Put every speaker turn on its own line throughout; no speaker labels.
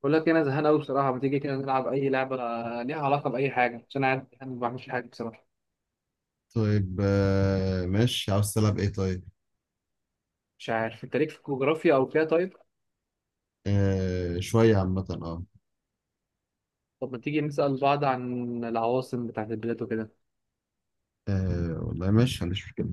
بقول لك إيه، انا زهقان قوي بصراحه. ما تيجي كده نلعب اي لعبه ليها علاقه باي حاجه، عشان انا قاعد زهقان ما بعملش حاجه بصراحه.
طيب ماشي، عاوز تلعب ايه طيب؟
مش عارف انت ليك في الجغرافيا او كده؟ طيب،
آه، شوية عامة اه.
طب ما تيجي نسال بعض عن العواصم بتاعت البلاد وكده.
آه، والله ماشي، ما عنديش مشكلة.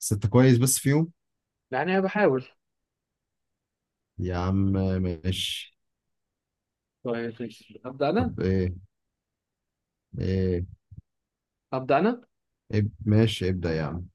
بس انت كويس بس فيهم.
يعني انا بحاول.
يا عم آه، ماشي.
طيب ماشي، ابدا انا
طب ايه.
ابدا انا
ماشي، ابدأ يا عم.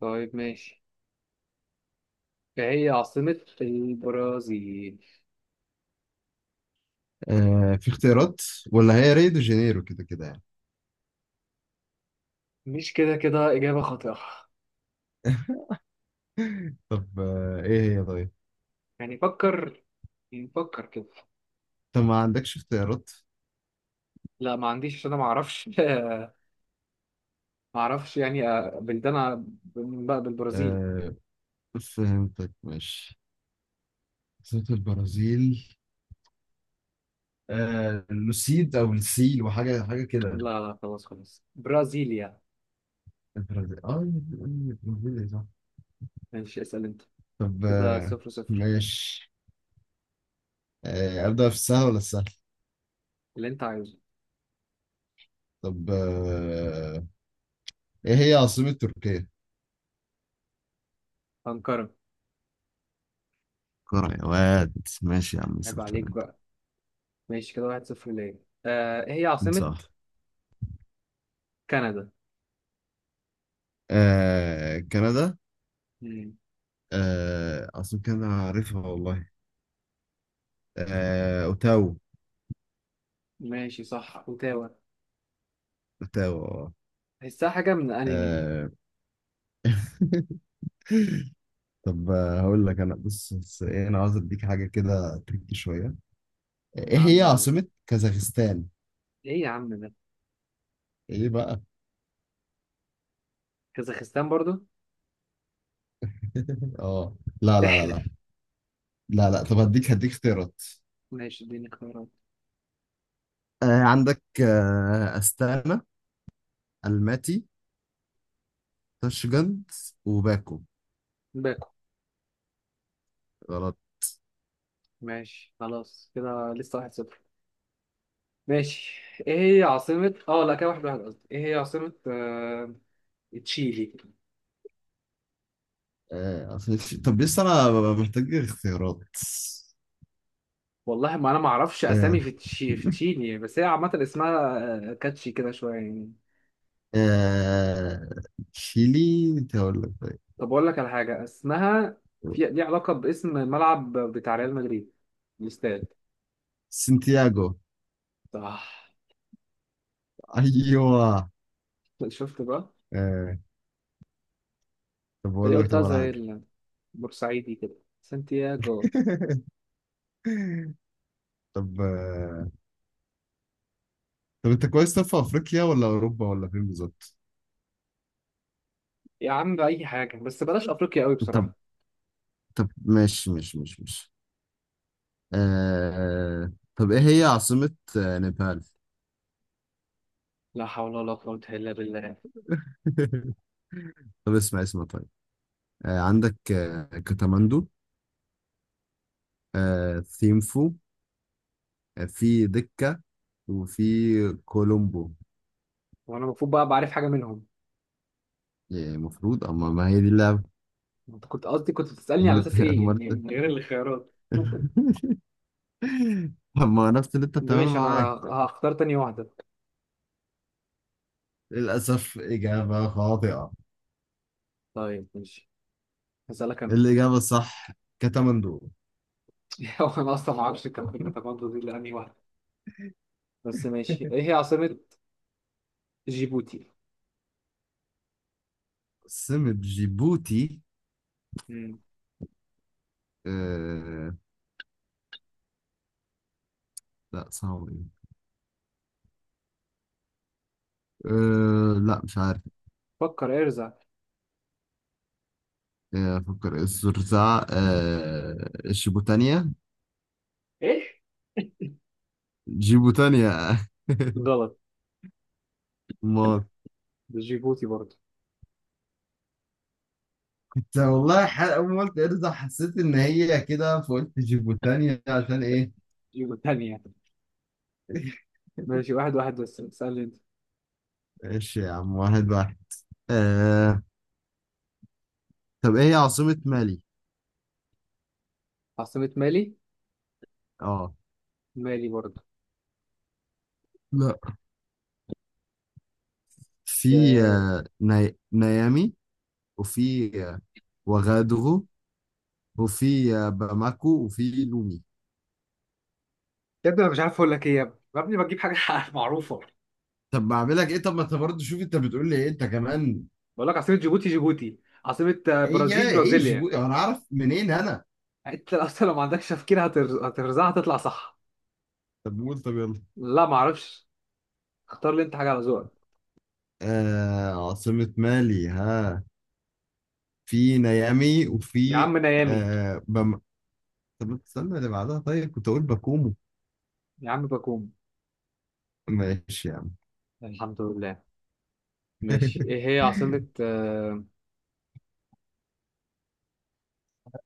طيب ماشي، إيه هي عاصمه البرازيل؟
آه، في اختيارات ولا هي ريو دي جانيرو كده كده يعني؟
مش كده كده، اجابه خاطئه.
طب ايه هي طيب؟
يعني فكر يعني فكر كده.
انت ما عندكش اختيارات؟
لا ما عنديش عشان انا ما اعرفش. ما اعرفش يعني بلدان بالبرازيل.
آه، فهمتك ماشي. صوت البرازيل. آه، لوسيد او السيل وحاجة حاجة كده.
لا لا خلاص خلاص، برازيليا.
البرازيل البرازيل.
ماشي اسأل انت،
طب
كده صفر صفر.
ماشي. أبدأ في السهل ولا السهل؟
اللي انت عايزه.
طب إيه هي عاصمة تركيا؟
أنقرة.
كرة يا واد. ماشي يا عم
عيب
سلطان
عليك
انت.
بقى. ماشي كده واحد صفر ليا. إيه هي
انت
عاصمة
صح.
كندا؟
آه، كندا.
مم.
آه، عاصمة كندا أنا عارفها والله. آه، أوتاوا.
ماشي صح اوتاوا.
أوتاوا آه.
تحسها حاجة من أنمي.
آه، طب هقول لك، أنا بص بص، إيه؟ أنا عاوز أديك حاجة كده تركي شوية. إيه
يا
هي
عم يلا.
عاصمة كازاخستان؟
ايه يا عم ده؟
إيه بقى؟
كازاخستان برضو؟
آه. لا لا لا لا.
احلف.
لا لا، طب هديك هديك اختيارات.
ماشي اديني اختيارات.
آه، عندك أستانا، الماتي، تاشجند، وباكو.
باكو.
غلط.
ماشي خلاص كده لسه واحد صفر. ماشي، ايه هي عاصمة لا كده واحد واحد، قصدي ايه هي عاصمة تشيلي؟
طب لسه أنا محتاج اختيارات.
والله ما انا ما اعرفش اسامي
آه.
في تشيلي، بس هي عامه اسمها كاتشي كده شويه يعني.
آه، تشيلي. أنت أقول لك طيب.
طب اقول لك على حاجه اسمها، في ليه علاقه باسم الملعب بتاع ريال مدريد، الاستاد.
سانتياغو.
صح.
أيوه.
شفت بقى.
آه. طب
تلاقي
أقول لك
قلتها
طب على
زي
حاجة.
البورسعيدي كده، سانتياغو.
طب طب أنت كويس، طب في أفريقيا ولا أوروبا ولا فين بالظبط؟
يا عم اي حاجه بس بلاش افريقيا قوي
طب.
بصراحه.
طب ماشي ماشي ماشي ماشي. آه، طب إيه هي عاصمة نيبال؟
لا حول ولا قوه الا بالله.
طب اسمع اسمع طيب. آه، عندك كاتماندو، ثيمفو، في دكة، وفي كولومبو.
وانا المفروض بقى بعرف حاجه منهم؟
يعني المفروض، اما ما هي دي اللعبة.
انت كنت قصدي كنت بتسالني
امال
على اساس
إنت-
ايه يعني،
امال إنت-
من غير الخيارات.
طب ما عرفت اللي انت
ده
بتعمله
ماشي انا
معاك.
هختار تاني واحده.
للأسف إجابة خاطئة.
طيب ماشي، هسألك أنا.
الإجابة الصح كاتماندو.
هو أنا أصلا ما أعرفش الكاتماندو دي لأنهي واحدة، بس ماشي إيه هي عاصمة جيبوتي؟
سمة جيبوتي.
مم.
آه... لا، صعب إيه. لا، مش عارف.
فكر ارزع.
أفكر الزرزعة، الشبوتانية.
ايش؟
جيبوا تاني يا.
غلط.
ما
ده جيبوتي برضه.
كنت
لا، مش
والله
عارف.
أول ما قلت إرزا حسيت إن هي كده فقلت جيبوتانيا عشان إيه.
جيبوتي تانية. ماشي واحد واحد، بس اسألني أنت.
ماشي يا عم، واحد واحد. آه. طب إيه هي عاصمة مالي؟
عاصمة مالي؟
آه
مالي برضه.
لا، في
ده-.
نيامي، وفي وغادغو، وفي باماكو، وفي لومي.
يا ابني أنا مش عارف أقول لك إيه، يا ابني يا ابني بجيب حاجة معروفة.
طب ما اعملك ايه، طب ما انت برضه شوف، انت بتقول لي ايه انت كمان.
بقول لك عاصمة جيبوتي جيبوتي، عاصمة برازيل
ايه،
برازيليا.
جيبوتي انا اعرف منين انا.
أنت أصلا لو ما عندكش تفكير هترزعها هتطلع صح.
طب قول طب يلا.
لا ما أعرفش. اختار لي أنت حاجة على ذوقك.
عاصمة مالي، ها؟ في نيامي
يا عم نيامي.
آه بم... طب استنى اللي بعدها، طيب كنت أقول باكومو.
يا عم باكوم.
ماشي يا عم.
الحمد لله. ماشي،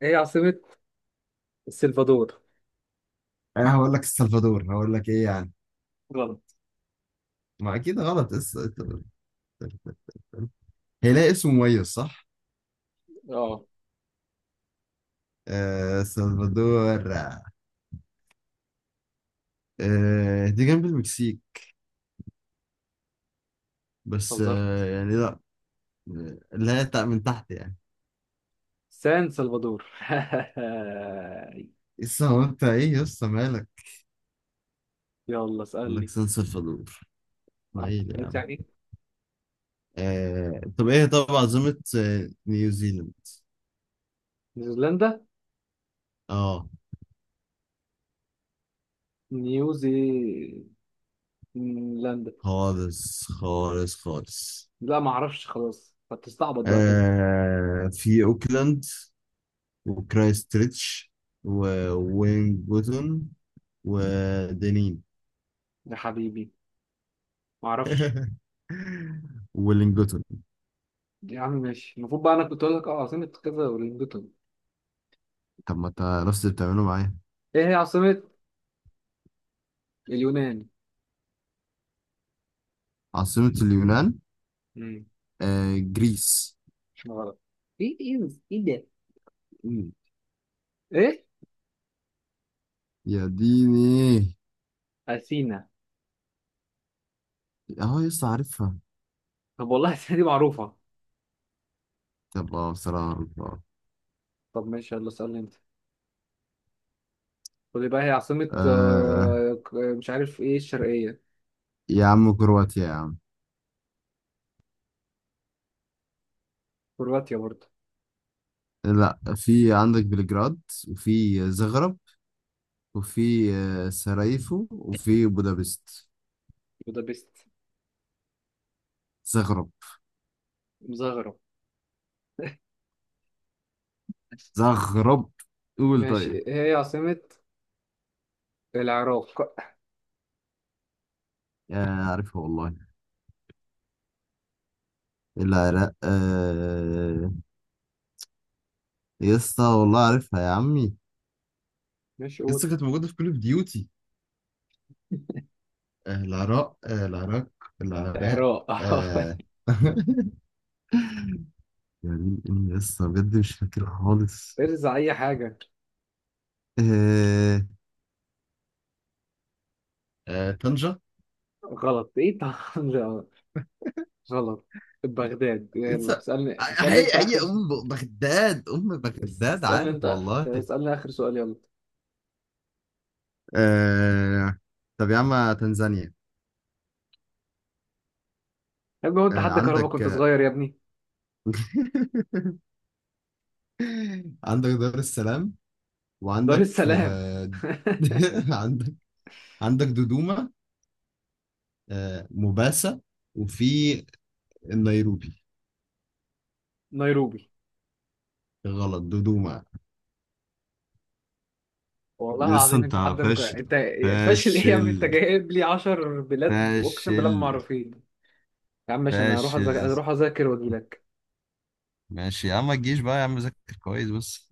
ايه هي عاصمة السلفادور؟
أنا هقول لك السلفادور، هقول لك إيه يعني.
غلط.
ما أكيد غلط هيلاقي اسم مميز، صح؟
اه
آه، سلفادور. دي جنب المكسيك، بس
هزرت.
يعني لا. لا، من تحت يعني.
سان سلفادور.
لسه هو، انت ايه يا اسطى مالك؟
يلا
يقول لك
اسألني.
سان سلفادور. نايل يا
عليك
عم.
يعني.
طب ايه؟ طب عاصمة نيوزيلاند.
نيوزيلندا
اه.
نيوزيلندا.
خالص خالص خالص.
لا ما اعرفش، خلاص هتستعبط بقى كده.
في اوكلاند، وكرايست تريتش، ووينجوتون، ودنين.
يا حبيبي ما اعرفش.
ولينجوتون.
يا عم ماشي، المفروض بقى انا كنت اقول لك عاصمة كذا ولندن.
طب ما انت نفس اللي بتعمله معايا.
ايه هي عاصمة اليونان؟
عاصمة اليونان.
امم
آه، جريس.
غلط. ايه ايه ايه ده؟
مم.
ايه؟
يا ديني.
اثينا.
اهو لسه عارفها.
طب والله السنة دي معروفة.
طب بصراحة.
طب ماشي يلا اسألني انت. قول لي بقى هي عاصمة
آه،
مش عارف ايه الشرقية.
يا عم كرواتيا يا عم.
كرواتيا برضه؟
لا، في عندك بلجراد، وفي زغرب، وفي سراييفو، وفي بودابست.
بودابست.
زغرب.
مزغرب.
زغرب. قول
ماشي
طيب.
ايه هي عاصمة العراق؟
آه، عارفها والله. العراق يا اسطى والله عارفها يا عمي.
ماشي قول.
لسه كانت موجودة في كل اوف ديوتي. العراق العراق. العراق.
العراق.
آه. يعني إني لسه بجد مش فاكر خالص.
ارزع اي حاجة.
آه. طنجة.
غلط ايه طبعا. غلط. بغداد، يلا
لسه-
اسألني
هي
انت
هي
اخر،
ام بغداد ام بغداد
اسألني
عارف
انت
والله.
اسألني اخر سؤال يلا.
آه... طب يا عم، تنزانيا.
يا ابني هو انت حد كهربا
عندك
كنت صغير يا ابني؟
آه، عندك دار السلام،
دار
وعندك
السلام.
آه... عندك عندك دودوما، موباسا، وفي النيروبي.
نيروبي.
غلط، دودوما.
والله
لسه
العظيم،
انت.
انت حد مك...
فاشل
انت فاشل ايه يا عم؟ انت
فاشل
جايب لي 10 بلاد اقسم
فاشل.
بالله ما معروفين. يا عم ماشي انا هروح
فاشل
أذاك...
يا
اروح
اسطى.
اذاكر واجي لك.
ماشي يا عم، ما تجيش بقى يا عم، ذاكر كويس بس.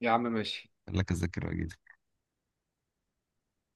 يا عم ماشي.
قال لك اذاكر واجي.